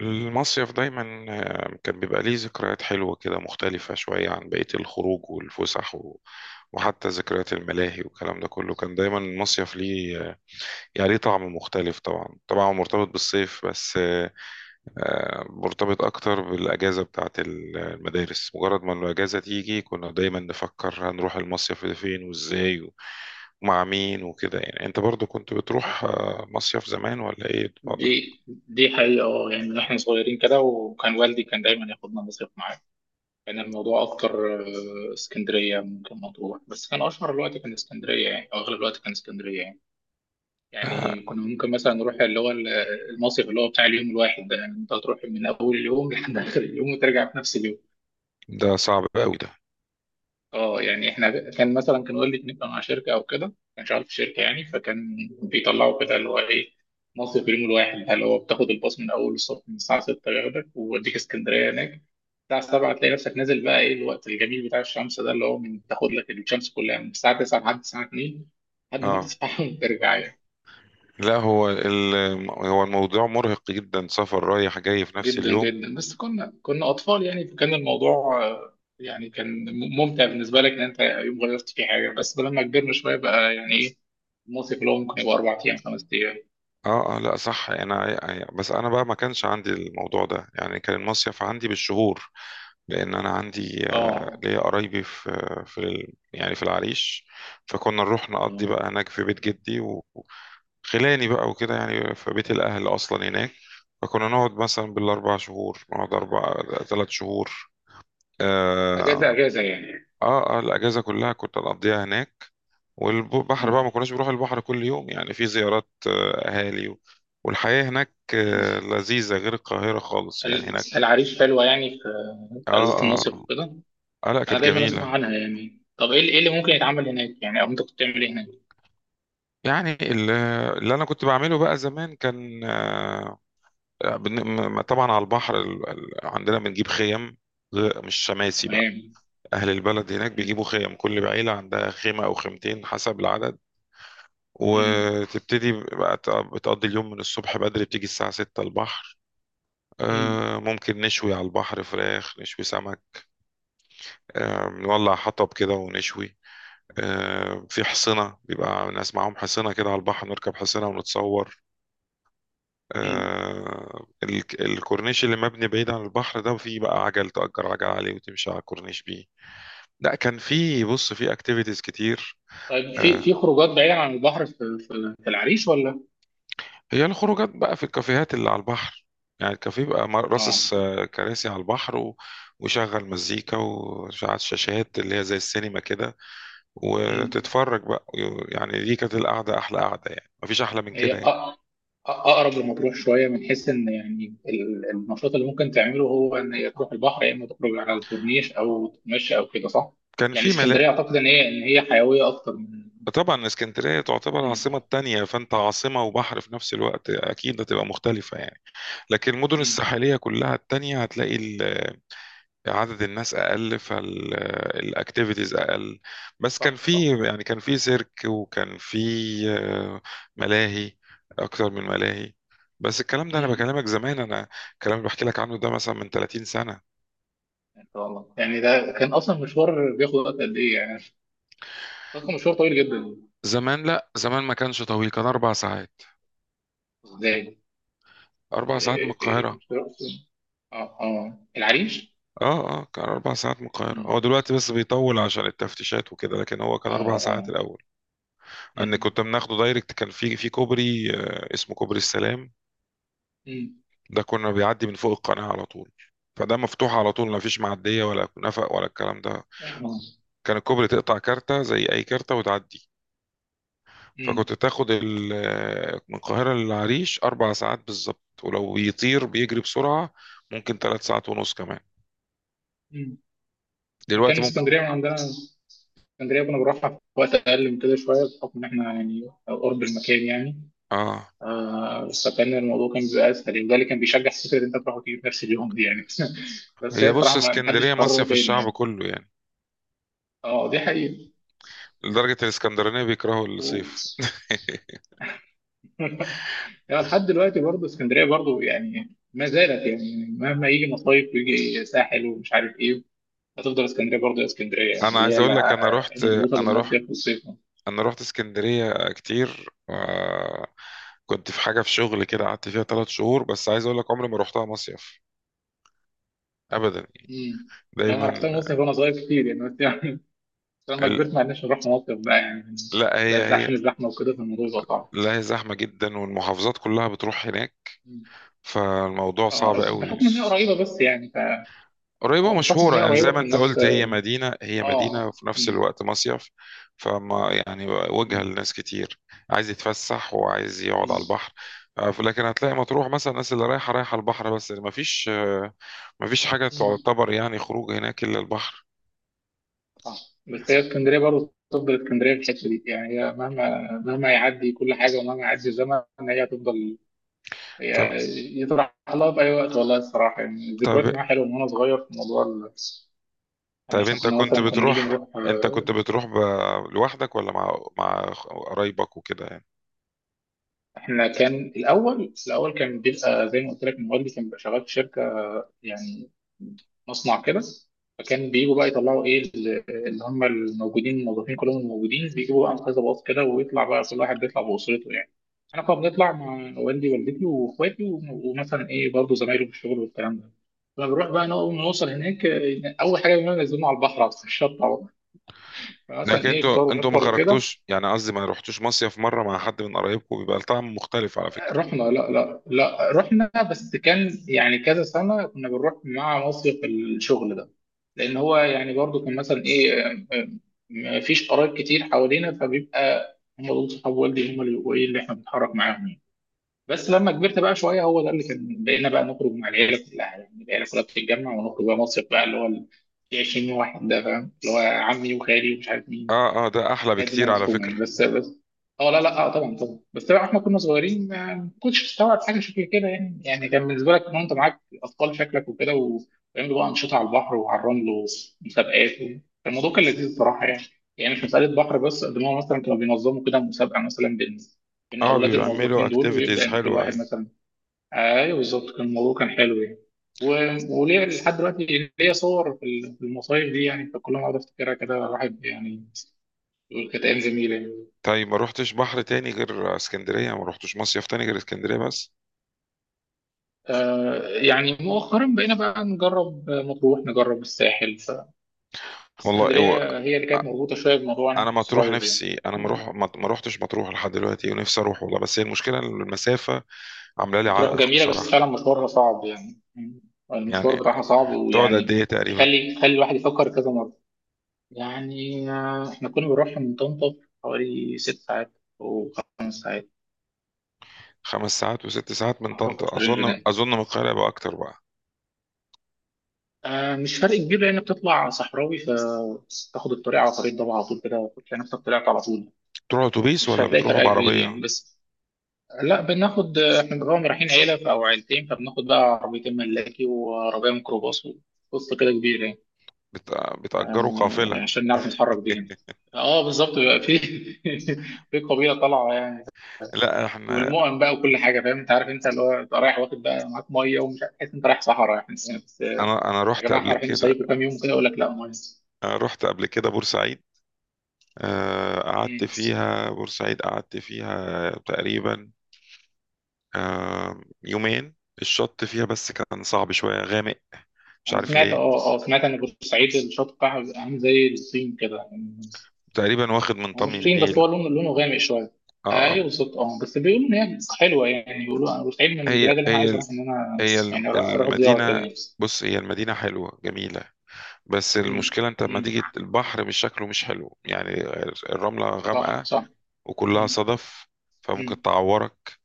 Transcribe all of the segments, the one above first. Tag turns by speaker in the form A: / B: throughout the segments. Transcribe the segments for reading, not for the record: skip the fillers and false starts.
A: المصيف دايما كان بيبقى ليه ذكريات حلوة كده مختلفة شوية عن بقية الخروج والفسح و... وحتى ذكريات الملاهي والكلام ده كله كان دايما المصيف ليه يعني ليه طعم مختلف. طبعا طبعا هو مرتبط بالصيف بس مرتبط أكتر بالأجازة بتاعة المدارس. مجرد ما الأجازة تيجي كنا دايما نفكر هنروح المصيف ده فين وإزاي و... ومع مين وكده يعني. أنت برضو كنت بتروح مصيف زمان ولا إيه الوضع؟
B: دي حقيقة من احنا صغيرين كده، وكان والدي كان دايما ياخدنا مصيف معاه. كان الموضوع اكتر اسكندرية ممكن مطروح، بس كان اشهر الوقت كان اسكندرية يعني، او اغلب الوقت كان اسكندرية يعني.
A: آه.
B: يعني كنا ممكن مثلا نروح المصيف اللي هو بتاع اليوم الواحد ده، يعني انت هتروح من اول اليوم لحد اخر اليوم وترجع في نفس اليوم.
A: ده صعب قوي ده.
B: اه يعني احنا كان مثلا كان والدي كان يبقى مع شركه او كده، كان شغال في شركه يعني، فكان بيطلعوا كده اللي هو ايه مصر في اليوم الواحد، اللي هو بتاخد الباص من اول الصبح من الساعه 6 ياخدك ويوديك اسكندريه. هناك الساعه 7 تلاقي نفسك نازل بقى ايه الوقت الجميل بتاع الشمس ده، اللي هو من تاخد لك الشمس كلها من الساعه 9 لحد الساعه 2 لحد ما
A: اه،
B: تسبح وترجع يعني.
A: لا هو الموضوع مرهق جدا، سفر رايح جاي في نفس
B: جدا
A: اليوم.
B: جدا، بس كنا اطفال يعني، فكان الموضوع يعني كان ممتع بالنسبه لك ان انت يوم غلطت في حاجه. بس لما كبرنا شويه بقى يعني ايه، المصيف اللي هو ممكن يبقى اربع ايام خمس ايام.
A: اه اه، لا صح. انا بس انا بقى ما كانش عندي الموضوع ده، يعني كان المصيف عندي بالشهور، لان انا عندي
B: اه
A: ليا قرايبي يعني في العريش. فكنا نروح نقضي
B: اه
A: بقى هناك في بيت جدي و- وخلاني بقى وكده، يعني في بيت الاهل اصلا هناك. فكنا نقعد مثلا بالاربع شهور، نقعد اربع، ثلاث شهور.
B: اجازه
A: اه
B: اجازه يعني.
A: اه، الاجازه كلها كنت اقضيها هناك. والبحر بقى
B: مم.
A: ما كناش بنروح البحر كل يوم، يعني في زيارات أهالي و- والحياة هناك
B: مم.
A: لذيذة غير القاهرة خالص، يعني هناك.
B: العريش حلوه يعني في
A: آه،
B: في اجازه المصيف
A: آه،
B: وكده.
A: آه، آه، لا
B: انا
A: كانت
B: دايما اسمع
A: جميلة.
B: عنها يعني. طب ايه اللي، إيه اللي ممكن يتعمل هناك يعني، او انت كنت بتعمل ايه هناك؟
A: يعني اللي أنا كنت بعمله بقى زمان كان طبعا على البحر عندنا بنجيب خيم، مش شماسي بقى.
B: تمام.
A: أهل البلد هناك بيجيبوا
B: مم.
A: خيم، كل عيلة عندها خيمة أو خيمتين حسب العدد.
B: مم.
A: وتبتدي بقى بتقضي اليوم من الصبح بدري، بتيجي الساعة 6 البحر.
B: مم.
A: ممكن نشوي على البحر فراخ، نشوي سمك. نولع حطب كده ونشوي. في حصنة، بيبقى ناس معاهم حصنة كده على البحر، نركب حصنة ونتصور.
B: مم.
A: الكورنيش اللي مبني بعيد عن البحر ده، فيه بقى عجل، تأجر عجل عليه وتمشي على الكورنيش بيه. لا، كان في، بص، في اكتيفيتيز كتير.
B: طيب في
A: آه،
B: خروجات بعيدة عن البحر في في العريش ولا؟
A: هي الخروجات بقى في الكافيهات اللي على البحر. يعني الكافيه بقى
B: اه.
A: راصص كراسي على البحر و... وشغل مزيكا وشغل شاشات اللي هي زي السينما كده،
B: امم.
A: وتتفرج بقى. يعني دي كانت القعدة، أحلى قعدة، يعني مفيش أحلى من
B: هي
A: كده
B: أ-
A: يعني.
B: أ- اقرب لمطروح شويه، من حيث ان يعني النشاط اللي ممكن تعمله هو ان هي تروح البحر، يا اما تخرج على الكورنيش او تتمشى او كده، صح؟
A: كان
B: يعني
A: في ملاء.
B: اسكندريه اعتقد ان هي، ان هي حيويه اكتر من،
A: طبعا اسكندرية تعتبر العاصمة
B: امم.
A: التانية، فأنت عاصمة وبحر في نفس الوقت، أكيد هتبقى مختلفة يعني. لكن المدن
B: امم.
A: الساحلية كلها التانية هتلاقي عدد الناس اقل، فالاكتيفيتيز اقل. بس كان
B: صح صح.
A: في، يعني كان في سيرك وكان في آه، ملاهي، اكتر من ملاهي. بس الكلام ده انا
B: امم.
A: بكلمك زمان. انا الكلام اللي بحكي لك عنه ده مثلا من 30 سنة.
B: ان شاء الله. يعني ده كان اصلا مشوار بياخد وقت قد ايه يعني؟ اصلا مشوار طويل جدا.
A: زمان لا، زمان ما كانش طويل، كان 4 ساعات.
B: ازاي؟
A: اربع ساعات من القاهرة.
B: كنت بروح فين؟ اه اه، العريش؟
A: اه اه، كان 4 ساعات من القاهرة. هو
B: مم.
A: دلوقتي بس بيطول عشان التفتيشات وكده، لكن هو كان
B: اه.
A: اربع ساعات
B: اه.
A: الاول. ان
B: مم.
A: كنت بناخده دايركت، كان في كوبري اسمه كوبري السلام.
B: مم.
A: ده كنا بيعدي من فوق القناة على طول. فده مفتوح على طول، ما فيش معدية ولا نفق ولا الكلام ده.
B: آه.
A: كان الكوبري تقطع كارتة زي أي كارتة وتعدي. فكنت
B: مم.
A: تاخد من القاهرة للعريش 4 ساعات بالظبط، ولو بيطير بيجري بسرعة ممكن 3 ساعات ونص كمان.
B: مكان
A: دلوقتي ممكن
B: اسكندريه من عندنا، اسكندريه كنا بنروحها في وقت اقل من كده شويه بحكم ان احنا يعني قرب المكان يعني.
A: آه
B: آه، فكان الموضوع كان بيبقى اسهل، وده اللي كان بيشجع فكره ان انت تروح وتيجي في نفس اليوم دي يعني. بس هي
A: هي بص،
B: الصراحه ما حدش
A: اسكندرية
B: يكررها
A: مصيف
B: تاني
A: الشعب
B: يعني.
A: كله يعني،
B: اه دي حقيقه.
A: لدرجة الاسكندرانية بيكرهوا
B: و-
A: الصيف.
B: يعني لحد دلوقتي برضه اسكندريه برضه يعني ما زالت يعني، مهما يجي مصايف ويجي ساحل ومش عارف ايه، هتفضل اسكندريه برضه يا اسكندريه يعني،
A: أنا
B: اللي
A: عايز
B: هي
A: أقول لك، أنا رحت
B: المربوطه
A: أنا رحت
B: بالمصيف والصيف. مم.
A: انا رحت اسكندريه كتير. كنت في حاجه، في شغل كده، قعدت فيها 3 شهور، بس عايز اقول لك عمري ما رحتها مصيف ابدا يعني.
B: يعني انا
A: دايما
B: رحت المصيف وانا صغير كتير يعني، بس لما
A: ال-
B: كبرت ما عرفناش نروح مصيف بقى يعني.
A: لا
B: بقى
A: هي
B: إزاي؟
A: هي
B: عشان الزحمه وكده، فالموضوع بقى صعب.
A: لا، هي زحمه جدا والمحافظات كلها بتروح هناك،
B: مم.
A: فالموضوع
B: اه
A: صعب قوي.
B: بحكم ان هي قريبه بس يعني ف،
A: قريبة
B: اه بحكم ان هي
A: ومشهورة يعني،
B: قريبه
A: زي ما انت
B: فالناس.
A: قلت، هي مدينة، هي
B: اه.
A: مدينة وفي نفس
B: مم.
A: الوقت مصيف. فما يعني وجهة
B: مم.
A: لناس كتير، عايز يتفسح وعايز يقعد على
B: مم.
A: البحر. لكن هتلاقي مطروح مثلا الناس اللي رايحة، رايحة البحر بس، ما فيش حاجة
B: مم.
A: تعتبر يعني خروج هناك إلا البحر.
B: صح، بس هي اسكندريه برضه تفضل اسكندريه في الحته دي يعني، هي مهما يعدي كل حاجه ومهما يعدي الزمن، هي هتفضل هي.
A: طب.
B: يطرح لها في اي وقت والله الصراحه، يعني ذكريات
A: طب
B: معاها حلوه من وانا صغير في موضوع يعني احنا
A: انت
B: كنا
A: كنت
B: مثلا كنا نيجي
A: بتروح.
B: نروح.
A: انت كنت بتروح ب... لوحدك ولا مع قرايبك وكده يعني.
B: احنا كان الاول كان بيبقى زي ما قلت لك، موبايلي كان بيبقى شغال في شركه يعني، مصنع كده. فكان بيجوا بقى يطلعوا ايه اللي هم الموجودين، الموظفين كلهم الموجودين، بيجيبوا بقى كذا باص كده، ويطلع بقى كل واحد بيطلع باسرته يعني. انا كنا بنطلع مع والدي ووالدتي واخواتي ومثلا ايه برضه زمايله في الشغل والكلام ده. كنا بنروح بقى نوصل هناك. اول حاجه بنعملها ننزلنا على البحر على الشط على طول. فمثلا
A: لكن
B: ايه فطار،
A: انتوا ما
B: ونفطر وكده.
A: خرجتوش، يعني قصدي ما رحتوش مصيف مرة مع حد من قرايبكم، بيبقى الطعم مختلف على فكرة.
B: رحنا، لا رحنا، بس كان يعني كذا سنة كنا بنروح مع مصيف الشغل ده. لأن هو يعني برضو كان مثلا إيه مفيش قرايب كتير حوالينا، فبيبقى هم دول صحاب والدي هم اللي بيبقوا إيه اللي إحنا بنتحرك معاهم يعني. بس لما كبرت بقى شوية، هو ده اللي كان، بقينا بقى نخرج مع العيلة كلها يعني، العيلة كلها بتتجمع ونخرج بقى مصيف بقى اللي هو ال 20 واحد ده، فاهم، اللي هو عمي وخالي ومش عارف مين.
A: اه اه، ده احلى
B: لا الدنيا
A: بكتير على
B: مزحومه
A: فكرة.
B: يعني بس بس. اه لا لا، اه طبعا طبعا، بس طبعا احنا كنا صغيرين ما كنتش تستوعب حاجه شكل كده يعني، يعني كان بالنسبه لك ان انت معاك اطفال شكلك وكده، وبيعملوا بقى انشطه على البحر وعلى الرمل ومسابقات الموضوع كان لذيذ بصراحه يعني. يعني مش مساله بحر بس، قد ما هو مثلا كانوا بينظموا كده مسابقه مثلا بين
A: اه،
B: اولاد
A: بيعملوا
B: الموظفين دول، ويبدا
A: اكتيفيتيز
B: ان كل
A: حلوة،
B: واحد
A: ايوه.
B: مثلا. ايوه بالظبط، كان الموضوع كان حلو يعني. وليه لحد دلوقتي ليا صور في في المصايف دي يعني، فكل ما اقعد افتكرها كده الواحد يعني، كانت أيام جميلة يعني.
A: طيب، ما روحتش بحر تاني غير اسكندرية، ما روحتش مصيف تاني غير اسكندرية بس.
B: آه، يعني مؤخرا بقينا بقى نجرب مطروح، نجرب الساحل،
A: والله هو
B: فاسكندرية هي اللي كانت مربوطة شوية بالموضوع أنا
A: انا
B: كنت
A: مطروح
B: صغير يعني.
A: نفسي، انا ما روحتش مطروح لحد دلوقتي، ونفسي اروح والله، بس هي المشكلة إن المسافة عاملة لي
B: مطروح
A: عائق
B: جميلة بس
A: بصراحة.
B: فعلا مشوارها صعب يعني. المشوار
A: يعني
B: بتاعها صعب
A: بتقعد قد
B: ويعني
A: ايه تقريبا؟
B: يخلي الواحد يفكر كذا مرة يعني. آه، إحنا كنا بنروح من طنطا حوالي ست ساعات، أو خمس ساعات.
A: 5 ساعات و6 ساعات من
B: أعتقد
A: طنطا،
B: في الرينج
A: اظن
B: ده.
A: اظن من القاهرة يبقى اكتر بقى.
B: آه، مش فرق كبير، لأنك بتطلع صحراوي فتاخد الطريق على طريق ضبع على طول، كده تلاقي نفسك طلعت على طول،
A: بتروحوا اتوبيس
B: مش
A: ولا
B: هتلاقي
A: بتروحوا
B: فرق كبير
A: بعربية؟
B: يعني بس. لا بناخد احنا طبعا رايحين عيله او عيلتين، فبناخد بقى عربيتين ملاكي وعربيه ميكروباص وقصه كده كبيره يعني.
A: بت... بتأجروا قافلة؟
B: عشان نعرف نتحرك بيها. اه بالظبط، بيبقى في في قبيله طالعه يعني.
A: لا احنا.
B: والمؤن بقى وكل حاجه، فاهم انت، عارف انت اللي هو أنت رايح واخد بقى معاك ميه ومش عارف، تحس انت رايح صحراء يعني بس بس.
A: انا
B: يا
A: رحت
B: جماعه احنا
A: قبل
B: رايحين
A: كده،
B: نصيف وكام يوم كده، يقول لك لا ميه.
A: رحت قبل كده بورسعيد. قعدت
B: مم.
A: فيها، بورسعيد قعدت فيها تقريبا يومين. الشط فيها بس كان صعب شوية، غامق، مش
B: انا
A: عارف
B: سمعت،
A: ليه،
B: اه سمعت ان بورسعيد الشط بتاعها بيبقى عامل زي الصين كده.
A: تقريبا واخد من
B: هو
A: طمي
B: مش طين، بس
A: النيل.
B: هو لونه غامق شويه.
A: آه، آه،
B: ايوه بالظبط اه، بس بيقولوا ان هي حلوه يعني، بيقولوا انا بتعيد من
A: هي
B: البلاد اللي انا عايز
A: هي
B: اروح ان انا يعني اروح، أروح زياره كده
A: المدينة.
B: يعني.
A: بص، هي المدينة حلوة جميلة، بس
B: امم.
A: المشكلة انت لما
B: امم.
A: تيجي البحر، مش شكله مش حلو يعني. الرملة
B: صح
A: غامقة
B: صح.
A: وكلها
B: امم.
A: صدف، فممكن
B: امم.
A: تعورك.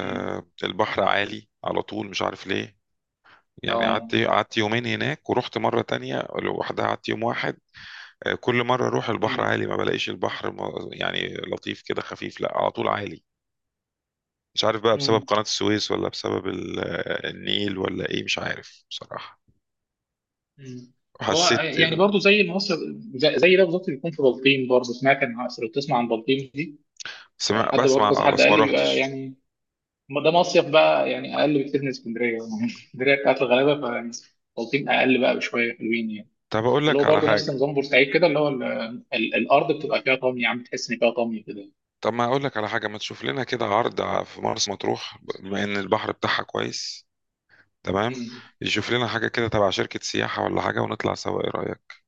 B: امم.
A: البحر عالي على طول، مش عارف ليه. يعني
B: اه.
A: قعدت يومين هناك، ورحت مرة تانية لوحدها قعدت يوم واحد. كل مرة أروح البحر
B: امم.
A: عالي، ما بلاقيش البحر يعني لطيف كده، خفيف، لا على طول عالي. مش عارف بقى بسبب
B: امم.
A: قناة السويس ولا بسبب النيل ولا إيه، مش عارف بصراحة.
B: امم. هو
A: وحسيت
B: يعني برضه زي ما مصر، زي ده بالظبط بيكون في بلطيم برضه، سمعت ان، لو بتسمع عن بلطيم دي،
A: سمع
B: حد برضه كذا،
A: بسمع
B: حد
A: بس
B: قال
A: ما
B: لي بيبقى
A: روحتش.
B: يعني ما ده مصيف بقى يعني اقل بكتير من اسكندريه يعني اسكندريه بتاعت الغلابه، فبلطيم اقل بقى بشويه، حلوين يعني.
A: طب أقول
B: اللي
A: لك
B: هو
A: على
B: برضه نفس
A: حاجة.
B: نظام بورسعيد كده، اللي هو الارض بتبقى فيها طمي، عم تحس ان فيها طمي كده.
A: طب ما أقول لك على حاجة، ما تشوف لنا كده عرض في مرسى مطروح بما إن البحر بتاعها كويس، تمام؟
B: مم.
A: يشوف لنا حاجة كده تبع شركة سياحة ولا حاجة، ونطلع سوا. إيه رأيك؟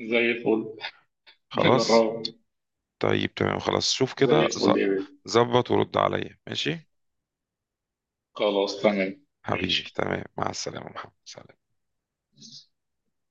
B: زي الفل،
A: خلاص.
B: نجربه.
A: طيب تمام، خلاص. شوف
B: زي
A: كده
B: الفل
A: ظ-
B: يا بيه.
A: ظبط ورد عليا، ماشي؟
B: خلاص تمام
A: حبيبي
B: ماشي.
A: تمام، مع السلامة محمد، سلام.